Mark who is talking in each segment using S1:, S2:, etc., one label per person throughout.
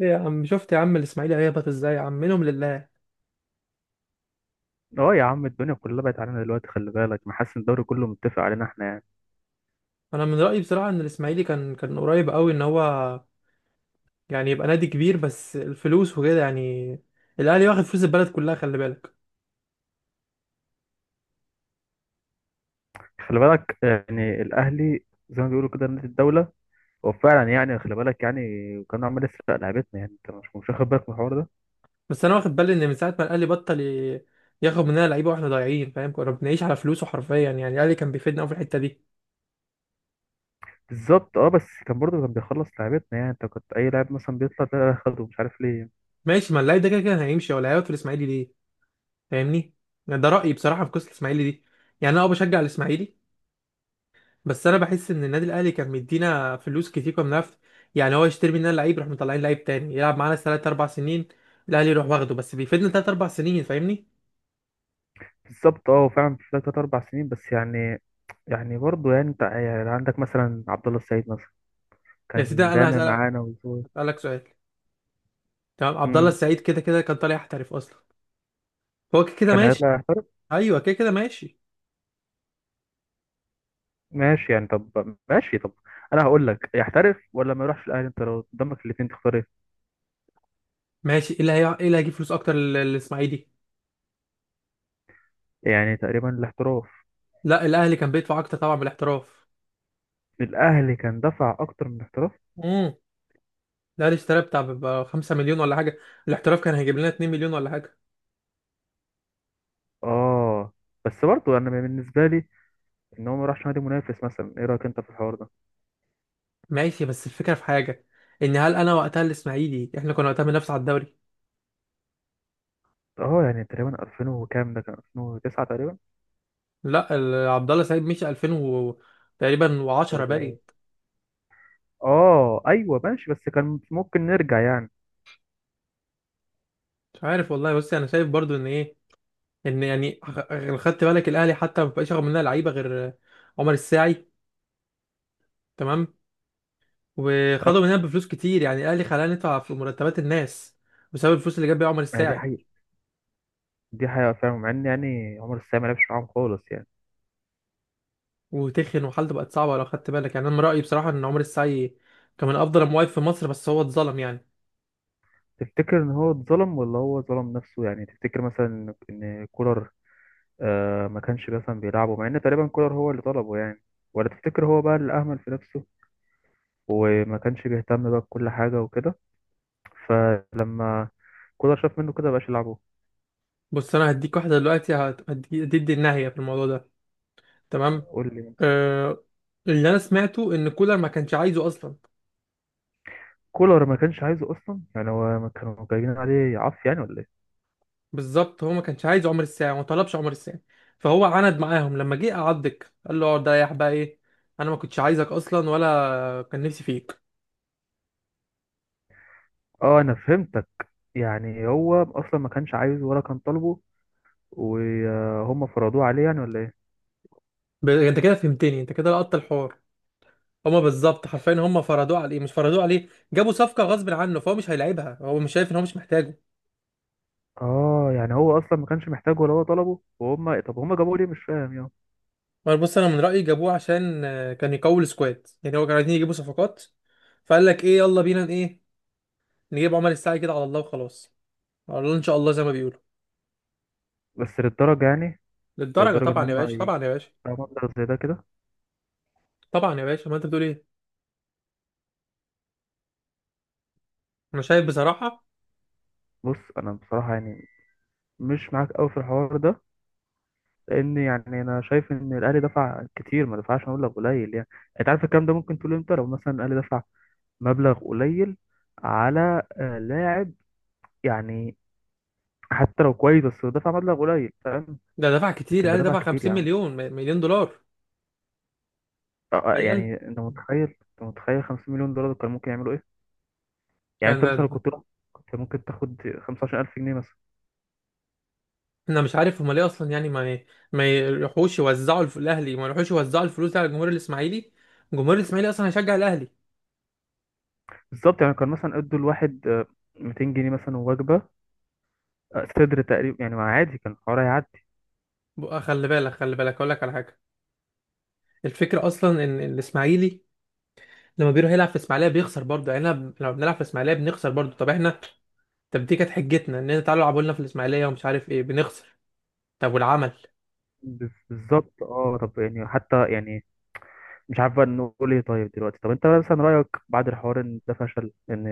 S1: إيه يا عم، شفت يا عم الاسماعيلي هيهبط ازاي يا عم؟ منهم لله.
S2: اه يا عم، الدنيا كلها بقت علينا دلوقتي. خلي بالك، ما حاسس إن الدوري كله متفق علينا احنا يعني؟
S1: انا من رايي بصراحه ان الاسماعيلي كان قريب قوي ان هو يعني يبقى نادي كبير، بس الفلوس وكده يعني. الاهلي واخد فلوس البلد كلها، خلي بالك.
S2: خلي بالك يعني، الاهلي زي ما بيقولوا كده نادي الدوله. هو فعلا يعني، خلي بالك يعني، كان عمال يسرق لعيبتنا. يعني انت مش واخد بالك من الحوار ده؟
S1: بس انا واخد بالي ان من ساعه ما الاهلي بطل ياخد مننا لعيبه، واحنا ضايعين، فاهم؟ كنا بنعيش على فلوسه حرفيا، يعني الاهلي كان بيفيدنا قوي في الحته دي.
S2: بالظبط. اه، بس كان برضه كان بيخلص لعيبتنا. يعني انت كنت اي لاعب مثلا بيطلع ده ياخده، مش عارف ليه.
S1: ماشي، ما اللعيب ده كده كان هيمشي، ولا هيقعد في الاسماعيلي ليه؟ فاهمني؟ يعني ده رايي بصراحه في قصه الاسماعيلي دي. يعني انا اه بشجع الاسماعيلي، بس انا بحس ان النادي الاهلي كان مدينا فلوس كتير، كنا بنعرف يعني. هو يشتري مننا لعيب يروح، مطلعين لعيب تاني يلعب معانا ثلاث اربع سنين، الاهلي يروح واخده، بس بيفيدنا ثلاث اربع سنين، فاهمني؟
S2: بالظبط. اه، فعلا في ثلاث اربع سنين، بس يعني برضه يعني، انت يعني عندك مثلا عبد الله السعيد مثلا،
S1: يا سيدي،
S2: كان
S1: انا
S2: دايما
S1: هسالك،
S2: معانا وزوي.
S1: هسالك سؤال. تمام، عبد الله
S2: مم.
S1: السعيد كده كده كان طالع يحترف اصلا، هو كده كده
S2: كان
S1: ماشي.
S2: هيطلع.
S1: ايوه، كده كده ماشي.
S2: ماشي يعني، طب ماشي، طب انا هقول لك، يحترف ولا ما يروحش الاهلي، انت لو قدامك الاثنين تختار ايه؟
S1: ماشي، ايه اللي هيجيب فلوس اكتر للاسماعيلي؟
S2: يعني تقريبا الاحتراف.
S1: لا، الاهلي كان بيدفع اكتر طبعا بالاحتراف.
S2: الاهلي كان دفع اكتر من الاحتراف.
S1: امم الاهلي اشترى بتاع ب 5 مليون ولا حاجه، الاحتراف كان هيجيب لنا 2 مليون ولا حاجه.
S2: اه، بس برضه انا بالنسبه لي، ان هو ما راحش نادي منافس مثلا، ايه رايك انت في الحوار ده؟
S1: ماشي، بس الفكرة في حاجة، ان هل انا وقتها الاسماعيلي احنا كنا وقتها بننافس على الدوري؟
S2: اه يعني تقريبا 2000 وكام، ده كان 2009 تقريبا.
S1: لا، عبد الله سعيد مشي 2000 و... تقريبا، و10
S2: أربعة.
S1: باقي.
S2: اه ايوه ماشي، بس كان ممكن نرجع يعني.
S1: مش عارف والله، بس انا شايف برضو ان ايه، ان يعني خدت بالك الاهلي حتى ما بقاش ياخد مننا لعيبة غير عمر الساعي، تمام؟
S2: اه،
S1: وخدوا مننا بفلوس كتير، يعني الاهلي خلانا ندفع في مرتبات الناس بسبب الفلوس اللي جاب بيها عمر
S2: ما هي دي
S1: الساعي.
S2: حقيقه. دي حقيقه فعلا، مع ان يعني عمر السام ما لعبش معاهم خالص يعني.
S1: وتخن وحالته بقت صعبة، لو خدت بالك، يعني انا من رأيي بصراحة ان عمر الساعي كان من افضل المواقف في مصر، بس هو اتظلم يعني.
S2: تفتكر ان هو اتظلم ولا هو ظلم نفسه؟ يعني تفتكر مثلا إن كولر، ما كانش مثلا بيلعبه، مع ان تقريبا كولر هو اللي طلبه يعني. ولا تفتكر هو بقى اللي اهمل في نفسه، وما كانش بيهتم بقى بكل حاجة وكده؟ فلما كولر شاف منه كده مبقاش يلعبه.
S1: بص، انا هديك واحده دلوقتي هتدي النهايه في الموضوع ده، تمام؟
S2: قول لي.
S1: آه، اللي انا سمعته ان كولر ما كانش عايزه اصلا.
S2: كولر ما كانش عايزه اصلا؟ يعني هو ما كانوا جايبين عليه عف يعني ولا ايه؟
S1: بالظبط، هو ما كانش عايز عمر الساعه، ما طلبش عمر الساعه. فهو عند معاهم، لما جه قعدك قال له اقعد ريح بقى، ايه؟ انا ما كنتش عايزك اصلا ولا كان نفسي فيك.
S2: اه، انا فهمتك. يعني هو اصلا ما كانش عايزه ولا كان طالبه، وهم فرضوه عليه يعني ولا ايه؟
S1: انت كده فهمتني، انت كده لقطت الحوار. هما بالظبط، حرفيا هما فرضوه عليه، مش فرضوه عليه، جابوا صفقه غصب عنه، فهو مش هيلعبها، هو مش شايف ان هو مش محتاجه.
S2: اه يعني هو اصلا ما كانش محتاجه ولا هو طلبه، وهم، طب هم جابوه ليه؟ مش فاهم يعني.
S1: ما بص، انا من رايي جابوه عشان كان يقوي السكواد، يعني هو كانوا عايزين يجيبوا صفقات. فقال لك ايه، يلا بينا ايه، نجيب عمر الساعي كده على الله وخلاص. على الله ان شاء الله زي ما بيقولوا.
S2: بس للدرجه يعني؟
S1: للدرجه؟
S2: لدرجه ان
S1: طبعا يا
S2: هم
S1: باشا، طبعا يا باشا،
S2: يجيبوا مبلغ زي ده كده؟
S1: طبعا يا باشا، ما انت بتقول ايه؟ انا شايف بصراحه
S2: بص انا بصراحه يعني، مش معاك قوي في الحوار ده. لان يعني انا شايف ان الاهلي دفع كتير، ما دفعش مبلغ قليل يعني. انت عارف الكلام ده ممكن تقول امتى؟ لو مثلا الاهلي دفع مبلغ قليل على لاعب، يعني حتى لو كويس، بس هو دفع مبلغ قليل، فاهم؟
S1: ده دفع كتير،
S2: لكن ده
S1: قال
S2: دفع
S1: دفع
S2: كتير يا
S1: 50
S2: عم.
S1: مليون مليون دولار. تخيل
S2: يعني انت متخيل 50 مليون دولار كان ممكن يعملوا ايه؟ يعني انت مثلا
S1: كان،
S2: لو كنت ممكن تاخد 15,000 جنيه مثلا.
S1: انا مش عارف هم ليه اصلا، يعني ما الاهلي ما يروحوش يوزعوا الفلوس دي على الجمهور الاسماعيلي، الجمهور الاسماعيلي اصلا هيشجع الاهلي.
S2: بالظبط، يعني كان مثلا ادوا الواحد 200 جنيه مثلا وجبة صدر تقريبا يعني، ما عادي كان الحوار هيعدي.
S1: بقى خلي بالك، خلي بالك اقول لك على حاجه. الفكره اصلا ان الاسماعيلي لما بيروح يلعب في اسماعيليه بيخسر برضه، يعني لما بنلعب في اسماعيليه بنخسر برضه. طب احنا، طب دي كانت حجتنا ان انت تعالوا العبوا لنا في الاسماعيليه ومش عارف ايه، بنخسر. طب والعمل؟
S2: بالظبط. اه، طب يعني حتى يعني، مش عارف بقى نقول ايه. طيب دلوقتي، طب انت مثلا رأيك بعد الحوار ان ده فشل، ان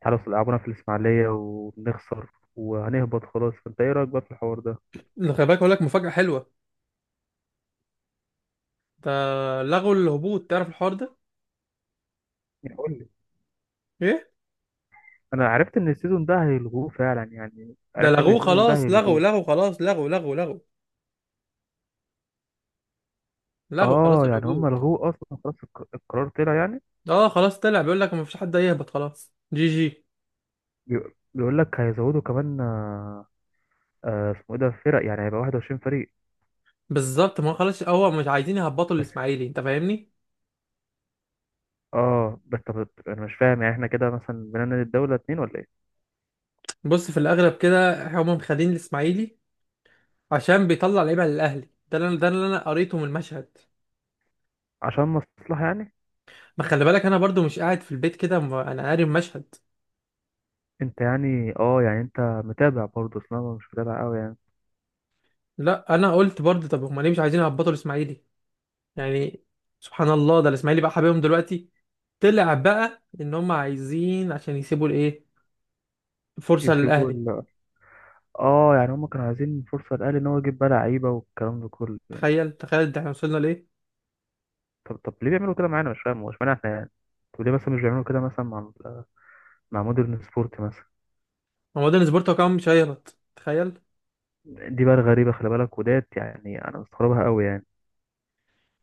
S2: تعالوا لعبونا في الإسماعيلية ونخسر وهنهبط خلاص، فانت ايه رأيك بقى في الحوار ده؟
S1: ده خلي بالك اقول لك مفاجاه حلوه. ده لغوا الهبوط، تعرف الحوار ده؟
S2: يعني قول لي.
S1: ايه؟
S2: انا عرفت ان السيزون ده هيلغوه فعلا، يعني
S1: ده
S2: عرفت ان
S1: لغوه
S2: السيزون ده
S1: خلاص، لغوا،
S2: هيلغوه.
S1: لغوا خلاص، لغوا، لغوا، لغوا. لغوا خلاص
S2: اه يعني هم
S1: الهبوط.
S2: لغوه اصلا خلاص. القرار طلع يعني.
S1: اه، خلاص طلع، بيقول لك مفيش حد هيهبط خلاص، جي جي.
S2: بيقول لك هيزودوا كمان اسمه ايه ده، فرق، يعني هيبقى 21 فريق.
S1: بالظبط، ما هو خلاص، هو مش عايزين يهبطوا
S2: بس.
S1: الاسماعيلي، انت فاهمني.
S2: اه، بس طب انا مش فاهم يعني، احنا كده مثلا بنعمل الدولة اتنين ولا ايه؟
S1: بص، في الاغلب كده هم مخلين الاسماعيلي عشان بيطلع لعيبه للاهلي، ده اللي ده اللي انا قريته من المشهد.
S2: عشان مصلحة يعني؟
S1: ما خلي بالك، انا برضو مش قاعد في البيت كده، انا قاري المشهد.
S2: انت يعني، يعني انت متابع برضه، اصل انا مش متابع قوي يعني.
S1: لا، انا قلت برضو، طب هم ليه مش عايزين يهبطوا الاسماعيلي يعني؟ سبحان الله، ده الاسماعيلي بقى حبيبهم دلوقتي. طلع بقى ان هم عايزين عشان يسيبوا الايه، فرصه
S2: يسيبوا
S1: للاهلي.
S2: ال... اه يعني هم كانوا عايزين فرصة للاهلي ان هو يجيب بقى لعيبة والكلام ده كله يعني.
S1: تخيل، تخيل، ده احنا وصلنا لايه.
S2: طب ليه بيعملوا كده معانا؟ مش فاهم هو اشمعنى احنا يعني. طب ليه مثلا مش بيعملوا كده مثلا مع مودرن سبورت مثلا؟
S1: هو مودرن سبورت هو كمان مش هيهبط، تخيل.
S2: دي بقى الغريبة، خلي بالك وديت يعني، أنا مستغربها قوي يعني.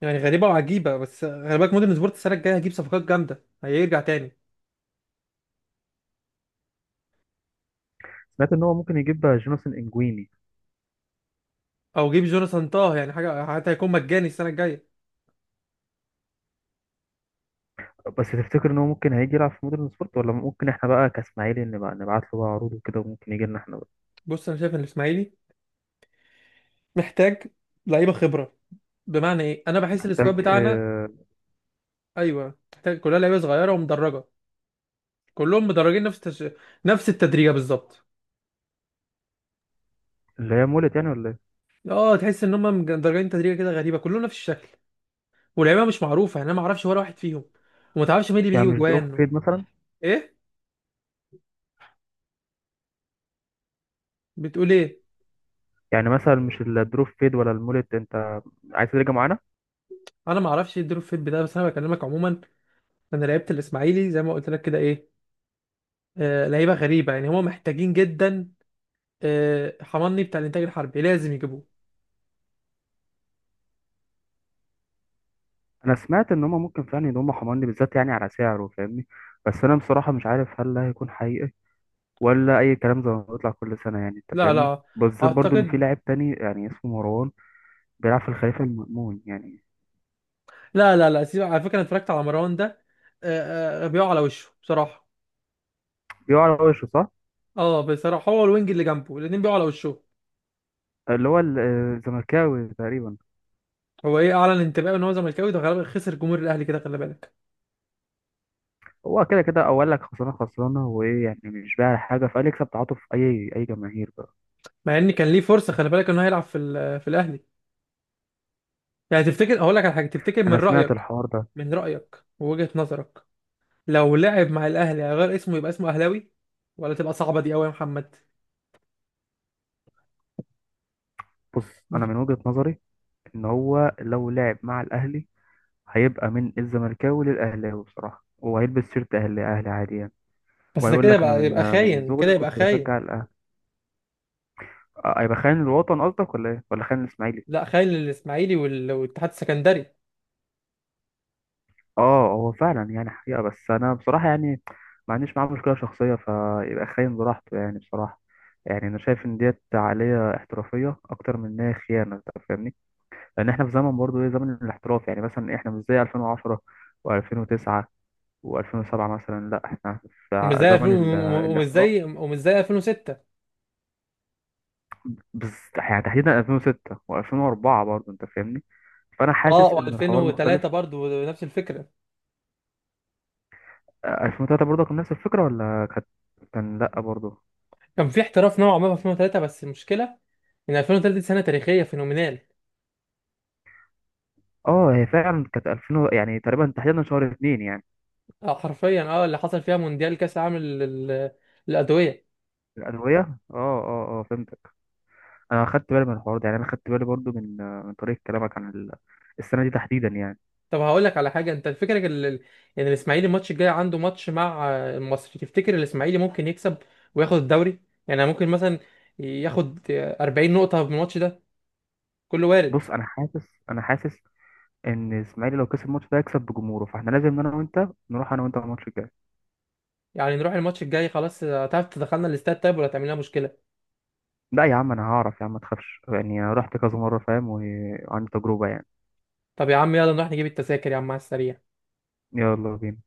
S1: يعني غريبه وعجيبه، بس خلي بالك، مودرن سبورت السنه الجايه هيجيب صفقات جامده، هيرجع تاني.
S2: سمعت إن هو ممكن يجيب بقى جوناثان إنجويني.
S1: او جيب جوناثان طه يعني حاجه، حتى هيكون مجاني السنه الجايه.
S2: بس تفتكر إن هو ممكن هيجي يلعب في مودرن سبورت، ولا ممكن إحنا بقى كإسماعيلي نبقى نبعت له بقى عروض وكده وممكن يجي لنا إحنا بقى؟
S1: بص، انا شايف ان الاسماعيلي محتاج لعيبه خبره. بمعنى ايه؟ انا بحس
S2: محتاج
S1: السكواد بتاعنا، ايوه، محتاج كلها لعيبه صغيره ومدرجه. كلهم مدرجين نفس التدريجه بالظبط.
S2: اللي هي مولت يعني ولا إيه؟
S1: اه، تحس ان هم مدرجين تدريجه كده غريبه، كلهم نفس الشكل. واللعيبه مش معروفه، يعني انا ما اعرفش ولا واحد فيهم، وما تعرفش مين اللي
S2: يعني
S1: بيجيب
S2: مش دروب
S1: جوان و...
S2: فيد مثلا؟
S1: ايه، بتقول ايه؟
S2: يعني مثلا مش الدروب فيد ولا المولت، أنت عايز ترجع معانا؟
S1: انا ما اعرفش ايه الدروب فيت ده، بس انا بكلمك عموما. انا لعيبه الاسماعيلي زي ما قلت لك كده ايه، آه، لعيبه غريبه. يعني هم محتاجين جدا، آه، حماني بتاع الانتاج الحربي لازم يجيبوه.
S2: أنا سمعت إن هما ممكن فعلا يضموا حماني بالذات، يعني على سعره فاهمني. بس أنا بصراحة مش عارف هل ده هيكون حقيقي، ولا أي كلام زي ما بيطلع كل سنة يعني. أنت
S1: لا،
S2: فاهمني،
S1: لا،
S2: بالذات برضو إن في
S1: اعتقد
S2: لاعب تاني يعني اسمه مروان، بيلعب في الخليفة المأمون يعني.
S1: لا، لا، لا، سيبك. على فكره انا اتفرجت على مروان ده، آه، بيقع على وشه بصراحه.
S2: بيقع على وشه صح؟
S1: اه بصراحه، هو الوينج اللي جنبه الاثنين بيقعوا على وشه.
S2: اللي هو الزملكاوي تقريبا.
S1: هو ايه، اعلن انتباهه ان هو زملكاوي، ده غالبا خسر جمهور الاهلي كده، خلي بالك.
S2: هو كده كده أول لك خسرانة خسرانة، وإيه يعني؟ مش بايع حاجة، فقال يكسب تعاطف أي جماهير بقى.
S1: مع ان كان ليه فرصه، خلي بالك، انه هيلعب في الاهلي. يعني تفتكر، هقول لك على حاجه، تفتكر من
S2: أنا سمعت
S1: رايك،
S2: الحوار ده.
S1: من رايك ووجهه نظرك، لو لعب مع الاهلي هيغير اسمه يبقى اسمه اهلاوي؟ ولا تبقى صعبه دي قوي يا محمد؟
S2: بص أنا من وجهة نظري، إن هو لو لعب مع الأهلي هيبقى من الزملكاوي للأهلاوي بصراحة، وهيلبس شيرت أهلي أهلي عادي يعني.
S1: بس ده
S2: وهيقول
S1: كده
S2: لك أنا
S1: يبقى
S2: من
S1: يبقى
S2: من
S1: خاين، كده
S2: صغري
S1: يبقى
S2: كنت
S1: خاين.
S2: بشجع الأهلي. هيبقى خاين الوطن قصدك ولا إيه؟ ولا خاين الإسماعيلي؟
S1: لا، خاين للاسماعيلي والاتحاد السكندري.
S2: اه هو فعلا يعني حقيقة، بس انا بصراحة يعني ما عنديش معاه مشكلة شخصية، فيبقى خاين براحته يعني بصراحة. يعني انا شايف ان ديت عقلية احترافية اكتر من ان هي خيانة، انت فاهمني. لان احنا في زمن برضه ايه، زمن الاحتراف، يعني مثلا احنا مش زي 2010 و2009 و2007 مثلا، لا احنا
S1: ومش
S2: في
S1: زي 2000
S2: زمن الاحتراف.
S1: ومش زي 2006.
S2: بس يعني تحديدا 2006 و2004 برضه انت فاهمني، فانا
S1: اه،
S2: حاسس ان الحوار
S1: و2003
S2: مختلف.
S1: برضو نفس الفكره.
S2: 2003 برضه كان نفس الفكرة ولا كانت، كان لا برضه.
S1: كان في احتراف نوعا ما في 2003، بس المشكله ان 2003 دي سنه تاريخيه فينومينال.
S2: اه هي فعلا كانت 2000 يعني تقريبا تحديدا شهر اتنين يعني.
S1: اه حرفيا، اه، اللي حصل فيها مونديال كاس العالم لل- للادويه.
S2: الأدوية، اه اه اه، فهمتك. أنا خدت بالي من الحوار ده يعني، أنا خدت بالي برضو من طريقة كلامك عن السنة دي تحديدا يعني.
S1: طب هقول لك على حاجه، انت فكرك ان الاسماعيلي الماتش الجاي عنده ماتش مع، آه، المصري، تفتكر الاسماعيلي ممكن يكسب وياخد الدوري؟ يعني ممكن مثلا ياخد، آه، 40 نقطه من الماتش ده، كله وارد.
S2: بص أنا حاسس، إن إسماعيلي لو كسب الماتش ده هيكسب بجمهوره، فإحنا لازم أنا وأنت نروح أنا وأنت الماتش الجاي.
S1: يعني نروح الماتش الجاي، خلاص، آه، هتعرف تدخلنا الاستاد طيب، ولا تعمل لنا مشكله؟
S2: لا يا عم أنا هعرف يا عم، ما تخافش يعني، أنا رحت كذا مرة فاهم وعندي تجربة يعني.
S1: طب يا عم يلا نروح نجيب التذاكر يا عم على السريع.
S2: يلا بينا